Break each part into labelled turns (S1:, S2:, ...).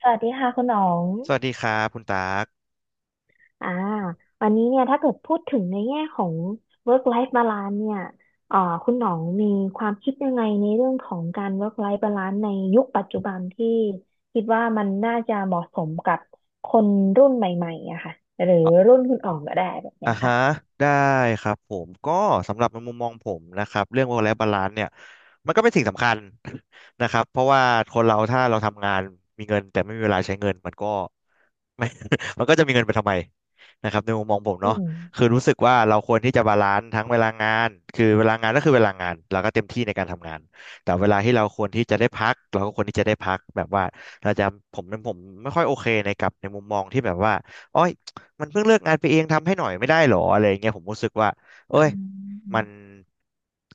S1: สวัสดีค่ะคุณหนอง
S2: สวัสดีครับคุณตาก
S1: อ่าวันนี้เนี่ยถ้าเกิดพูดถึงในแง่ของ work life balance เนี่ยเอ่าคุณหนองมีความคิดยังไงในเรื่องของการ work life balance ในยุคปัจจุบันที่คิดว่ามันน่าจะเหมาะสมกับคนรุ่นใหม่ๆอะค่ะหรือ
S2: อ่ะ
S1: รุ่นคุณอ๋องก็ได้แบบ
S2: อ่า
S1: เนี้ย
S2: ฮะ
S1: ค่ะ
S2: ได้ครับผมก็สำหรับในมุมมองผมนะครับเรื่อง work life balance เนี่ยมันก็เป็นสิ่งสำคัญ นะครับเพราะว่าคนเราถ้าเราทำงานมีเงินแต่ไม่มีเวลาใช้เงินมันก็ ไม่ มันก็จะมีเงินไปทำไมนะครับในมุมมองผมเนาะคือรู้สึกว่าเราควรที่จะบาลานซ์ทั้งเวลางานคือเวลางานก็คือเวลางานเราก็เต็มที่ในการทำงานแต่เวลาที่เราควรที่จะได้พักเราก็ควรที่จะได้พักแบบว่าเราจะผมไม่ค่อยโอเคในกับในมุมมองที่แบบว่าโอ้ย มันเพิ่งเลิกงานไปเองทำให้หน่อยไม่ได้หรออะไรอย่างเงี้ยผมรู้สึกว่าเอ้ย
S1: อื
S2: มัน
S1: ม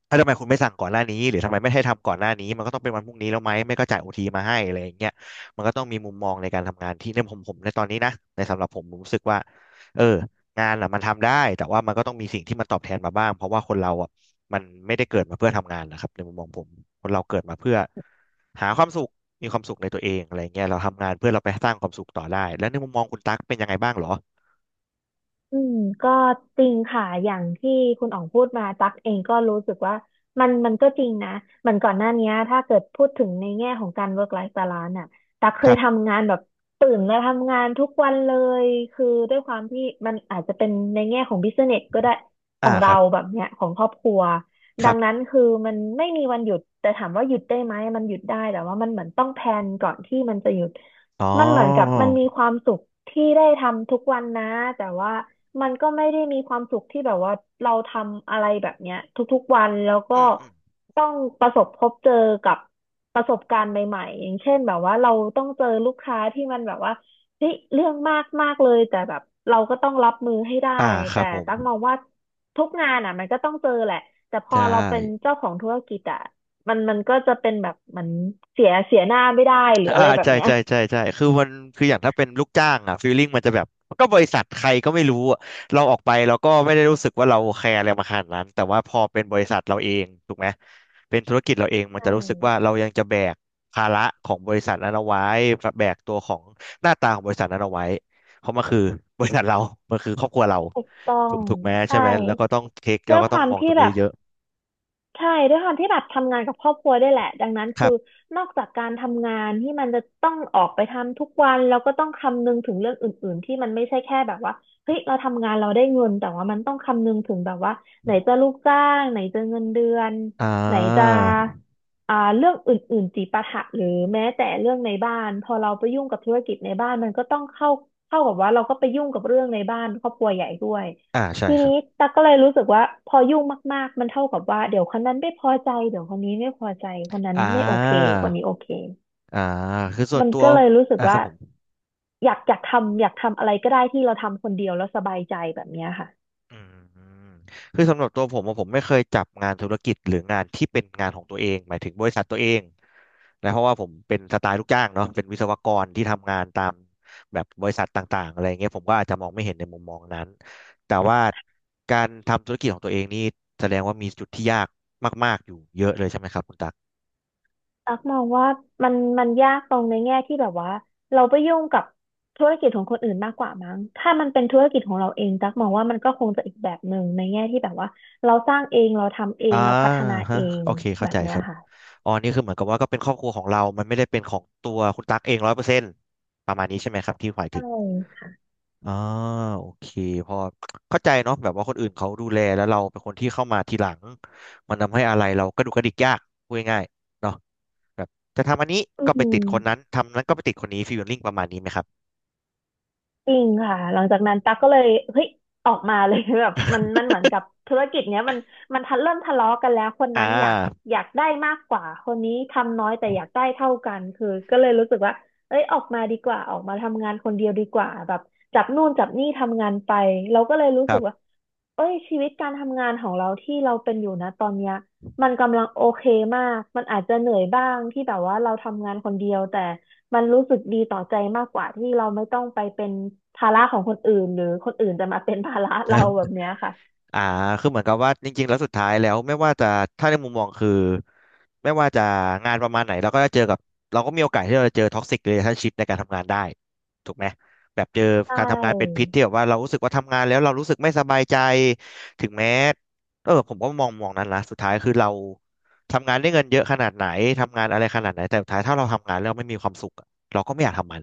S2: ถ้าทำไมคุณไม่สั่งก่อนหน้านี้หรือทำไมไม่ให้ทำก่อนหน้านี้มันก็ต้องเป็นวันพรุ่งนี้แล้วไหมไม่ก็จ่ายโอทีมาให้อะไรอย่างเงี้ยมันก็ต้องมีมุมมองในการทำงานที่ในผมในตอนนี้นะในสำหรับผมรู้สึกว่าเอองานอ่ะมันทำได้แต่ว่ามันก็ต้องมีสิ่งที่มันตอบแทนมาบ้างเพราะว่าคนเราอ่ะมันไม่ได้เกิดมาเพื่อทำงานนะครับในมุมมองผมคนเราเกิดมาเพื่อหาความสุขมีความสุขในตัวเองอะไรเงี้ยเราทำงานเพื่อเราไปสร้างความสุขต่อได้แล้วในมุมมองคุณตั๊กเป็นยังไงบ้างเหรอ
S1: อืมก็จริงค่ะอย่างที่คุณอ๋องพูดมาตักเองก็รู้สึกว่ามันก็จริงนะเหมือนก่อนหน้านี้ถ้าเกิดพูดถึงในแง่ของการ work life balance น่ะตักเค
S2: ค
S1: ย
S2: รับ
S1: ทำงานแบบตื่นแล้วทำงานทุกวันเลยคือด้วยความที่มันอาจจะเป็นในแง่ของ business ก็ได้ข
S2: อ่า
S1: อง
S2: ค
S1: เรา
S2: รับ
S1: แบบเนี้ยของครอบครัว
S2: ค
S1: ดั
S2: รั
S1: งนั้
S2: บ
S1: นคือมันไม่มีวันหยุดแต่ถามว่าหยุดได้ไหมมันหยุดได้แต่ว่ามันเหมือนต้องแพลนก่อนที่มันจะหยุด
S2: อ๋อ
S1: มันเหมือนกับมันมีความสุขที่ได้ทำทุกวันนะแต่ว่ามันก็ไม่ได้มีความสุขที่แบบว่าเราทำอะไรแบบเนี้ยทุกๆวันแล้วก็
S2: อืมอืม
S1: ต้องประสบพบเจอกับประสบการณ์ใหม่ๆอย่างเช่นแบบว่าเราต้องเจอลูกค้าที่มันแบบว่าเฮ้ยเรื่องมากมากเลยแต่แบบเราก็ต้องรับมือให้ได้
S2: อ่าครั
S1: แต่
S2: บผม
S1: ตั้งมองว่าทุกงานอ่ะมันก็ต้องเจอแหละแต่พอ
S2: ใช่
S1: เราเป็นเจ้าของธุรกิจอ่ะมันก็จะเป็นแบบเหมือนเสียหน้าไม่ได้หรือ
S2: อ่า
S1: อะไรแบบ
S2: ใช่
S1: เนี้ย
S2: ใช่ใช่ใช่คือมันคืออย่างถ้าเป็นลูกจ้างอ่ะฟีลลิ่งมันจะแบบมันก็บริษัทใครก็ไม่รู้อะเราออกไปเราก็ไม่ได้รู้สึกว่าเราแคร์อะไรมาขนาดนั้นแต่ว่าพอเป็นบริษัทเราเองถูกไหมเป็นธุรกิจเราเองมัน
S1: ใช่
S2: จะรู้สึกว่าเรายังจะแบกภาระของบริษัทนั้นเอาไว้แบกตัวของหน้าตาของบริษัทนั้นเอาไว้เพราะมันคือ บริษัทเรามันคือครอบครัวเรา
S1: ถูกต้อ
S2: ถู
S1: ง
S2: กถูกไหมใช่
S1: ใช่
S2: ไหมแล้วก็ต้องเทค
S1: ด้
S2: เรา
S1: วย
S2: ก็
S1: ค
S2: ต้อง
S1: วาม
S2: มองต
S1: ที่
S2: รง
S1: แบ
S2: นี้
S1: บ
S2: เยอะ
S1: ใช่ด้วยความที่แบบทำงานกับครอบครัวได้วยแหละดังนั้น
S2: ค
S1: คื
S2: รั
S1: อ
S2: บ
S1: นอกจากการทำงานที่มันจะต้องออกไปทำทุกวันแล้วก็ต้องคำนึงถึงเรื่องอื่นๆที่มันไม่ใช่แค่แบบว่าเฮ้ยเราทำงานเราได้เงินแต่ว่ามันต้องคำนึงถึงแบบว่าไหนจะลูกจ้างไหนจะเงินเดือน
S2: อ่
S1: ไหนจะ
S2: า
S1: เรื่องอื่นๆจิปาถะหรือแม้แต่เรื่องในบ้านพอเราไปยุ่งกับธุรกิจในบ้านมันก็ต้องเข้ากับว่าเราก็ไปยุ่งกับเรื่องในบ้านครอบครัวใหญ่ด้วย
S2: อ่าใช่
S1: ที
S2: ครั
S1: นี้
S2: บ
S1: ตั๊กก็เลยรู้สึกว่าพอยุ่งมากๆมันเท่ากับว่าเดี๋ยวคนนั้นไม่พอใจเดี๋ยวคนนี้ไม่พอใจคนนั้น
S2: อ่
S1: ไม่โอเค
S2: า
S1: คนนี้โอเค
S2: อ่าคือส่วน
S1: มัน
S2: ตัว
S1: ก็เลยรู้สึก
S2: อ่าครั
S1: ว่า
S2: บผม
S1: อยากทำอะไรก็ได้ที่เราทำคนเดียวแล้วสบายใจแบบเนี้ยค่ะ
S2: อืมคือสำหรับตัวผมอะผมไม่เคยจับงานธุรกิจหรืองานที่เป็นงานของตัวเอง หมายถึงบริษัทตัวเองนะเพราะว่าผมเป็นสไตล์ลูกจ้างเนาะเป็นวิศวกรที่ทำงานตามแบบบริษัทต่างๆอะไรเงี้ยผมก็อาจจะมองไม่เห็นในมุมมองนั้นแต่ว่าการทำธุรกิจของตัวเองนี่แสดงว่ามีจุดที่ยากมากๆ อยู่เยอะเลยใช่ไหมครับคุณตัก
S1: ตักมองว่ามันยากตรงในแง่ที่แบบว่าเราไปยุ่งกับธุรกิจของคนอื่นมากกว่ามั้งถ้ามันเป็นธุรกิจของเราเองตักมองว่ามันก็คงจะอีกแบบหนึ่งในแง่ที่แบบว่าเราสร้างเองเราทำเอ
S2: อ่า
S1: งเราพัฒนา
S2: ฮะ
S1: เอง
S2: โอเคเข้า
S1: แบบ
S2: ใจ
S1: เนี้
S2: ค
S1: ย
S2: รับ
S1: ค่ะ
S2: อ๋อนี่คือเหมือนกับว่าก็เป็นครอบครัวของเรามันไม่ได้เป็นของตัวคุณตั๊กเองร้อยเปอร์เซ็นต์ประมาณนี้ใช่ไหมครับที่หมาย
S1: ใช่
S2: ถึง
S1: ค่ะ
S2: อ่าโอเคพอเข้าใจเนาะแบบว่าคนอื่นเขาดูแลแล้วเราเป็นคนที่เข้ามาทีหลังมันทำให้อะไรเรากระดุกกระดิกยากพูดง่ายๆเนาะแบบจะทำอันนี้
S1: อื
S2: ก็ไปติดคนนั้น
S1: ม
S2: ทำนั้นก็ไปติดคนนี้ฟีลลิ่งประมาณนี้ไหมครับ
S1: จริงค่ะหลังจากนั้นตั๊กก็เลยเฮ้ยออกมาเลย แบบมันเหมือนกับธุรกิจเนี้ยมันมันทันเริ่มทะเลาะกันแล้วคน
S2: อ่
S1: นั้นอยาก
S2: า
S1: อยากได้มากกว่าคนนี้ทำน้อยแต่อยากได้เท่ากันคือก็เลยรู้สึกว่าเอ้ยออกมาดีกว่าออกมาทำงานคนเดียวดีกว่าแบบจับนู่นจับนี่ทำงานไปเราก็เลยรู้
S2: ค
S1: สึ
S2: รั
S1: กว่า
S2: บ
S1: เอ้ยชีวิตการทำงานของเราที่เราเป็นอยู่นะตอนเนี้ยมันกำลังโอเคมากมันอาจจะเหนื่อยบ้างที่แบบว่าเราทำงานคนเดียวแต่ มันรู้สึกดีต่อใจมากกว่าที่เราไม่ต้องไปเป็นภาระของคนอื่นหรือคนอื่นจะมาเป็นภาระเราแบบเนี้ยค่ะ
S2: อ่าคือเหมือนกับว่าจริงๆแล้วสุดท้ายแล้วไม่ว่าจะถ้าในมุมมองคือไม่ว่าจะงานประมาณไหนเราก็จะเจอกับเราก็มีโอกาสที่เราจะเจอท็อกซิกเ a ล a t ชั่นชิพในการทำงานได้ถูกไหมแบบเจอ
S1: ใช
S2: การทำงานเป็นพิ
S1: ่
S2: ษที่แบบว่าเรารู้สึกว่าทำงานแล้วเรารู้สึกไม่สบายใจถึงแม้ผมก็มองนั้นละสุดท้ายคือเราทำงานได้เงินเยอะขนาดไหนทำงานอะไรขนาดไหนแต่สุดท้ายถ้าเราทำงานแล้วไม่มีความสุขอะเราก็ไม่อยากทำมัน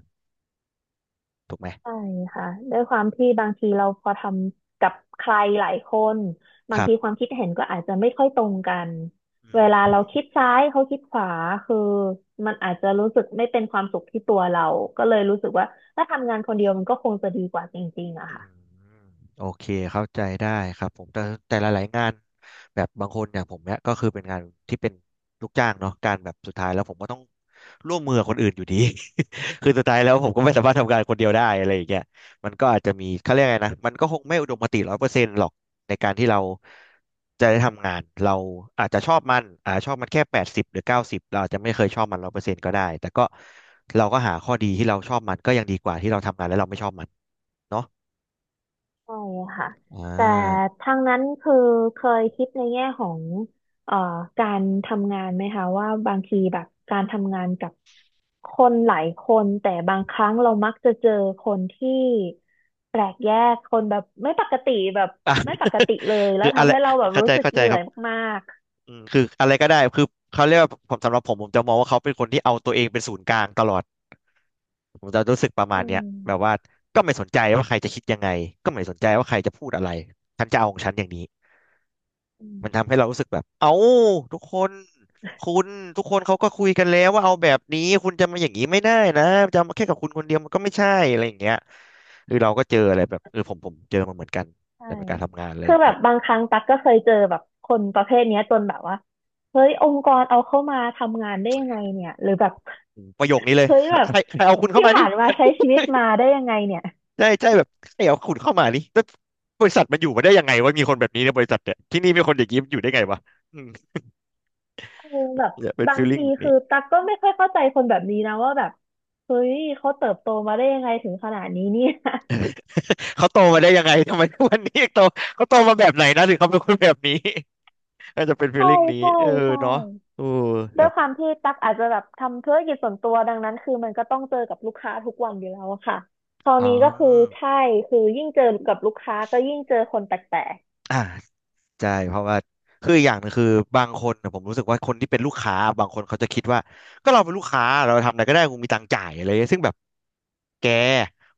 S2: ถูกไหม
S1: ใช่ค่ะด้วยความที่บางทีเราพอทำกับใครหลายคนบา
S2: ค
S1: ง
S2: รั
S1: ทีค
S2: บ
S1: วามคิดเห็นก็อาจจะไม่ค่อยตรงกัน
S2: อื
S1: เวลาเรา
S2: ม
S1: คิดซ้ายเขาคิดขวาคือมันอาจจะรู้สึกไม่เป็นความสุขที่ตัวเราก็เลยรู้สึกว่าถ้าทำงานคนเดียวมันก็คงจะดีกว่าจริงๆอะ
S2: อื
S1: ค่ะ
S2: มโอเคเข้าใจได้ครับผมแต่แต่หลายๆงานแบบบางคนอย่างผมเนี่ยก็คือเป็นงานที่เป็นลูกจ้างเนาะการแบบสุดท้ายแล้วผมก็ต้องร่วมมือกับคนอื่นอยู่ดี คือสุดท้ายแล้วผมก็ไม่สามารถทำงานคนเดียวได้อะไรอย่างเงี้ยมันก็อาจจะมีเขาเรียกไงนะมันก็คงไม่อุดมคติร้อยเปอร์เซ็นต์หรอกในการที่เราจะได้ทำงานเราอาจจะชอบมันอาจจะชอบมันแค่80หรือ90เราอาจจะไม่เคยชอบมันร้อยเปอร์เซ็นต์ก็ได้แต่ก็เราก็หาข้อดีที่เราชอบมันก็ยังดีกว่าที่เราทำงานแล้วเราไม่ชอบมันเนาะ
S1: ใช่ค่ะ
S2: อ่า
S1: แต่ ทางนั้นคือเคยคิดในแง่ของเอ่อการทำงานไหมคะว่าบางทีแบบการทำงานกับคนหลายคนแต่บางครั้งเรามักจะเจอคนที่แปลกแยกคนแบบไม่ปกติแบบ
S2: อ่ะ
S1: ไม่ ปกติเลยแล้
S2: คื
S1: ว
S2: ออะ
S1: ทำ
S2: ไร
S1: ให้เราแบบ
S2: เข้า
S1: รู้
S2: ใจ
S1: สึกเหนื่
S2: ค
S1: อ
S2: รับ
S1: ยมาก
S2: อืมคืออะไรก็ได้คือเขาเรียกว่าผมสำหรับผมจะมองว่าเขาเป็นคนที่เอาตัวเองเป็นศูนย์กลางตลอดผมจะรู้สึกประ
S1: ๆ
S2: มา
S1: อื
S2: ณเนี้ย
S1: ม
S2: แบบว่าก็ไม่สนใจว่าใครจะคิดยังไงก็ไม่สนใจว่าใครจะพูดอะไรฉันจะเอาของฉันอย่างนี้
S1: อื
S2: มันทำ
S1: ม
S2: ให้เรารู้สึกแบบเอ้าทุกคนคุณทุกคนเขาก็คุยกันแล้วว่าเอาแบบนี้คุณจะมาอย่างนี้ไม่ได้นะจะมาแค่กับคุณคนเดียวมันก็ไม่ใช่อะไรอย่างเงี้ยคือเราก็เจออะไรแบบเออผมเจอมาเหมือนกัน
S1: ใช่
S2: แต่เป็นการทำงานอะไร
S1: คื
S2: อ
S1: อ
S2: ย่าง
S1: แบ
S2: เงี้
S1: บ
S2: ย
S1: บางครั้งตั๊กก็เคยเจอแบบคนประเภทเนี้ยจนแบบว่าเฮ้ยองค์กรเอาเข้ามาทำงานได้ยังไงเนี่ยหรือแบบ
S2: ประโยคนี้เลย
S1: เฮ้ยแบ
S2: ใค
S1: บ
S2: รใครเอาคุณเข้า
S1: ที่
S2: มา
S1: ผ่า
S2: นี่
S1: นมาใช้ชีวิตมาได้ยังไงเนี่ย
S2: ใช่ใช่แบบใครเอาคุณเข้ามานี่แล้วบริษัทมันอยู่มาได้ยังไงวะมีคนแบบนี้ในบริษัทเนี่ยที่นี่มีคนอย่างนี้อยู่ได้ไงวะอืม
S1: เออแบบ
S2: เนี่ยเป็น
S1: บา
S2: ฟี
S1: ง
S2: ลลิ่ง
S1: ที
S2: แบบ
S1: คื
S2: นี้
S1: อตักก็ไม่ค่อยเข้าใจคนแบบนี้นะว่าแบบเฮ้ยเขาเติบโตมาได้ยังไงถึงขนาดนี้เนี่ย
S2: เขาโตมาได้ยังไงทำไมทุกวันนี้ยังโตเขาโตมาแบบไหนนะถึงเขาเป็นคนแบบนี้ อาจจะเป็นฟีล
S1: ใช่
S2: ลิ่งนี้
S1: ใช่
S2: เออ
S1: ใช่
S2: เนาะโอแบ
S1: ด้วย
S2: บ
S1: ความที่ตักอาจจะแบบทำธุรกิจส่วนตัวดังนั้นคือมันก็ต้องเจอกับลูกค้าทุกวันอยู่แล้วอะค่ะคราว
S2: อ๋อ
S1: นี้ก็คือใช่คือยิ่งเจอกับลูกค้าก็ยิ่งเจอคนแปลก
S2: อ่า ใช่เพราะว่าคืออกอย่างหนึงคือบางคนนะผมรู้สึกว่าคนที่เป็นลูกค้าบางคนเขาจะคิดว่าก็เราเป็นลูกค้าเราทำอะไรก็ได้กูมีตังค์จ่ายอะไรเงี้ยซึ่งแบบแก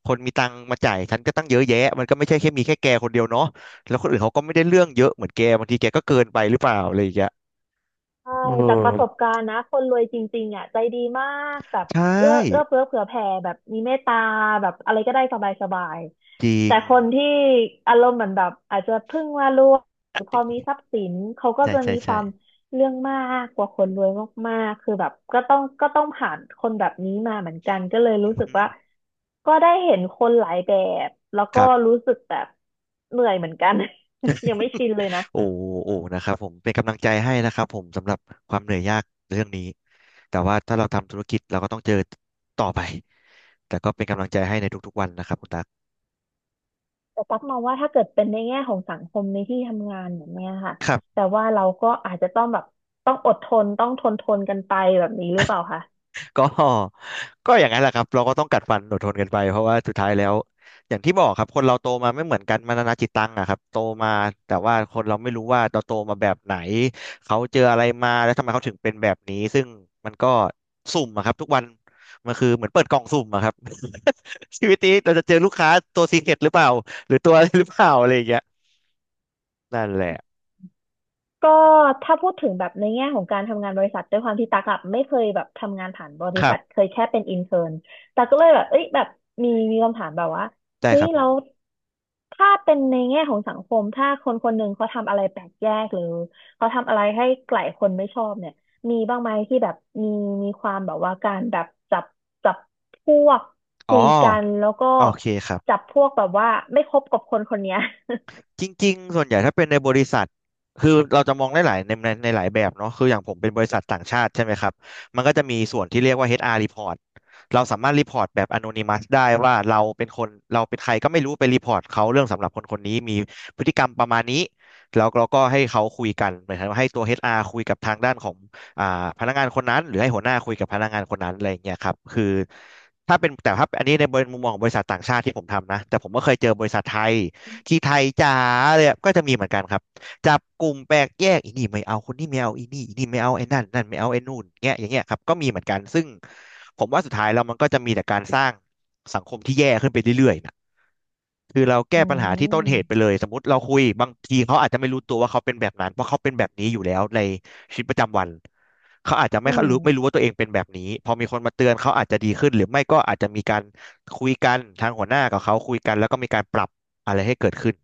S2: คนมีตังค์มาจ่ายฉันก็ตั้งเยอะแยะมันก็ไม่ใช่แค่มีแค่แกคนเดียวเนาะแล้วคนอื่นเขาก็ไม่ได้เรื่องเยอะเหมือนแกบางทีแกก็เกินไปหรือเปล่าอะไรอย่างเงี้ย
S1: ใช่
S2: เ
S1: จากประสบ
S2: ออ
S1: การณ์นะคนรวยจริงๆอ่ะใจดีมากแบบ
S2: ใช่
S1: เอื้อเฟื้อเผื่อแผ่แบบมีเมตตาแบบอะไรก็ได้สบาย
S2: จริ
S1: ๆแต่
S2: ง
S1: คนที่อารมณ์เหมือนแบบอาจจะเพิ่งมารวยหรือพอมีทรัพย์สินเขาก็
S2: ใช่
S1: จะ
S2: ใช่
S1: มีค
S2: ใช่
S1: วามเรื่องมากกว่าคนรวยมากๆคือแบบก็ต้องผ่านคนแบบนี้มาเหมือนกันก็เลย
S2: อื
S1: รู้
S2: อ
S1: สึก
S2: หือ
S1: ว่าก็ได้เห็นคนหลายแบบแล้ว
S2: ค
S1: ก็
S2: รับ
S1: รู้สึกแบบเหนื่อยเหมือนกัน ยังไม่ชินเลยนะ
S2: โอ้โอ้นะครับผมเป็นกำลังใจให้นะครับผมสำหรับความเหนื่อยยากเรื่องนี้แต่ว่าถ้าเราทำธุรกิจเราก็ต้องเจอต่อไปแต่ก็เป็นกำลังใจให้ในทุกๆวันนะครับคุณตั๊ก
S1: แต่ตั๊กมองว่าถ้าเกิดเป็นในแง่ของสังคมในที่ทำงานแบบเนี้ยค่ะ
S2: ครั
S1: แต่
S2: บ
S1: ว่าเราก็อาจจะต้องแบบต้องอดทนต้องทนทนกันไปแบบนี้หรือเปล่าคะ
S2: ก็ ก็อย่างนั้นแหละครับเราก็ต้องกัดฟันอดทนกันไปเพราะว่าสุดท้ายแล้วอย่างที่บอกครับคนเราโตมาไม่เหมือนกันมานานาจิตตังอะครับโตมาแต่ว่าคนเราไม่รู้ว่าเราโตมาแบบไหนเขาเจออะไรมาแล้วทำไมเขาถึงเป็นแบบนี้ซึ่งมันก็สุ่มอะครับทุกวันมันคือเหมือนเปิดกล่องสุ่มอะครับ ชีวิตนี้เราจะเจอลูกค้าตัวซีเค็ดหรือเปล่าหรือตัวอะไรหรือเปล่าอะไรอย่างเงี้ยนั่นแหละ
S1: ก็ถ้าพูดถึงแบบในแง่ของการทำงานบริษัทด้วยความที่ตักอะไม่เคยแบบทำงานผ่านบริ
S2: ครั
S1: ษัท
S2: บ
S1: เคยแค่เป็นอินเทอร์นตักก็เลยแบบเอ้ยแบบมีคำถามแบบว่า
S2: ได้
S1: เฮ้
S2: ค
S1: ย
S2: รับผ
S1: แล้ว
S2: ม
S1: ถ้าเป็นในแง่ของสังคมถ้าคนคนหนึ่งเขาทำอะไรแปลกแยกหรือเขาทำอะไรให้หลายคนไม่ชอบเนี่ยมีบ้างไหมที่แบบมีมีความแบบว่าการแบบจับจับพวก
S2: อ๋อ
S1: คุยกันแล้วก็
S2: โอเคครับ
S1: จับพวกแบบว่าไม่คบกับคนคนเนี้ย
S2: จริงๆ ส่วนใหญ่ถ้าเป็นในบริษัทคือเราจะมองได้หลายในในหลายแบบเนาะคืออย่างผมเป็นบริษัทต่างชาติใช่ไหมครับมันก็จะมีส่วนที่เรียกว่า HR report เราสามารถรีพอร์ตแบบ anonymous ได้ว่าเราเป็นคนเราเป็นใครก็ไม่รู้ไปรีพอร์ตเขาเรื่องสำหรับคนคนนี้มีพฤติกรรมประมาณนี้แล้วเราก็ให้เขาคุยกันเหมือนกับให้ตัว HR คุยกับทางด้านของอ่าพนักงานคนนั้นหรือให้หัวหน้าคุยกับพนักงานคนนั้นอะไรอย่างเงี้ยครับคือถ้าเป็นแต่ถ้าอันนี้ในมุมมองของบริษัทต่างชาติที่ผมทำนะแต่ผมก็เคยเจอบริษัทไทย ที่ไทยจ๋าเลยอะก็จะมีเหมือนกันครับจับกลุ่มแปลกแยกอีนี่ไม่เอาคนนี้ไม่เอาอีนี่ไม่เอาไอ้นั่นไม่เอาไอ้นู่นเงี้ยอย่างเงี้ยครับก็มีเหมือนกันซึ่งผมว่าสุดท้ายแล้วมันก็จะมีแต่การสร้างสังคมที่แย่ขึ้นไปเรื่อยๆนะคือเรา
S1: อื
S2: แก้ปัญหาที่ต้นเหตุไปเล
S1: ม
S2: ยสมมติเราคุยบางทีเขาอาจจะไม่รู้ตัวว่าเขาเป็นแบบนั้นเพราะเขาเป็นแบบนี้อยู่แล้วในชีวิตประจำวันเขาอาจจะ
S1: อืม
S2: ไม่รู้ว่าตัวเองเป็นแบบนี้พอมีคนมาเตือนเขาอาจจะดีขึ้นหรือไม่ก็อาจจะมีการคุยกันทางหัวหน้ากับเขาคุยกันแล้วก็มีการปรับอะไรให้เกิดขึ้น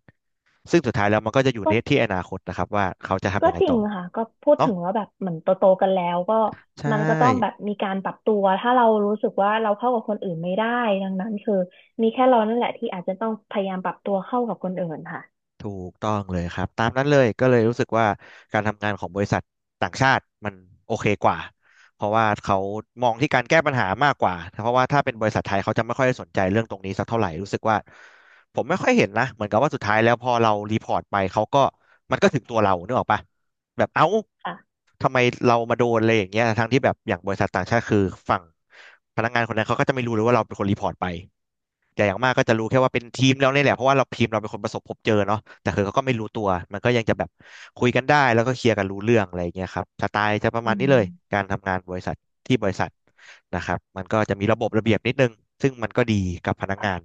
S2: ซึ่งสุดท้ายแล้วมันก็จะอยู่
S1: ก็
S2: ในที่อนาคตนะครับว่าเขาจะทำ
S1: ก็
S2: ยังไง
S1: จริ
S2: ต่
S1: ง
S2: อ
S1: ค่ะก็พูด
S2: เนาะ
S1: ถึงว่าแบบเหมือนโตโตกันแล้วก็
S2: ใช่
S1: มันก็ต้องแบบมีการปรับตัวถ้าเรารู้สึกว่าเราเข้ากับคนอื่นไม่ได้ดังนั้นคือมีแค่เรานั่นแหละที่อาจจะต้องพยายามปรับตัวเข้ากับคนอื่นค่ะ
S2: ถูกต้องเลยครับตามนั้นเลยก็เลยรู้สึกว่าการทำงานของบริษัทต่างชาติมันโอเคกว่าเพราะว่าเขามองที่การแก้ปัญหามากกว่าเพราะว่าถ้าเป็นบริษัทไทยเขาจะไม่ค่อยสนใจเรื่องตรงนี้สักเท่าไหร่รู้สึกว่าผมไม่ค่อยเห็นนะเหมือนกับว่าสุดท้ายแล้วพอเรารีพอร์ตไปเขาก็มันก็ถึงตัวเรานึกออกปะแบบเอ้า
S1: ค่ะ
S2: ทำไมเรามาโดนอะไรอย่างเงี้ยทั้งที่แบบอย่างบริษัทต่างชาติคือฝั่งพนักงานคนนั้นเขาก็จะไม่รู้เลยว่าเราเป็นคนรีพอร์ตไป แต่อย่างมากก็จะรู้แค่ว่าเป็นทีมเราเนี่ยแหละเพราะว่าเราทีมเราเป็นคนประสบพบเจอเนาะแต่คือเขาก็ไม่รู้ตัวมันก็ยังจะแบบคุยกันได้แล้วก็เคลียร์กันรู้เรื่องอะไรอย่างเงี้ยครับสไตล์จะประมา
S1: อื
S2: ณนี้เลย
S1: ม
S2: การทำงานบริษัทที่บริษัทนะครับมันก็จะมีระบบระเบียบนิดนึงซึ่งมันก็ดีกับพนักงา
S1: ค่ะ
S2: น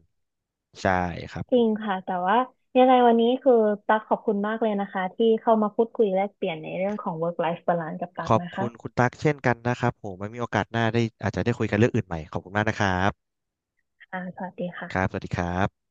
S2: ใช่ครับ
S1: จ
S2: ผ
S1: ริง
S2: ม
S1: ค่ะแต่ว่ายังไงวันนี้คือตั๊กขอบคุณมากเลยนะคะที่เข้ามาพูดคุยแลกเปลี่ยนในเรื่องของ work life balance กับตั๊
S2: ข
S1: ก
S2: อบ
S1: นะ
S2: คุ
S1: คะ
S2: ณคุณตั๊กเช่นกันนะครับผมไม่มีโอกาสหน้าได้อาจจะได้คุยกันเรื่องอื่นใหม่ขอบคุณมากนะครับ
S1: อ่าสวัสดี
S2: ครับส
S1: ค่ะ
S2: วัสดีครับ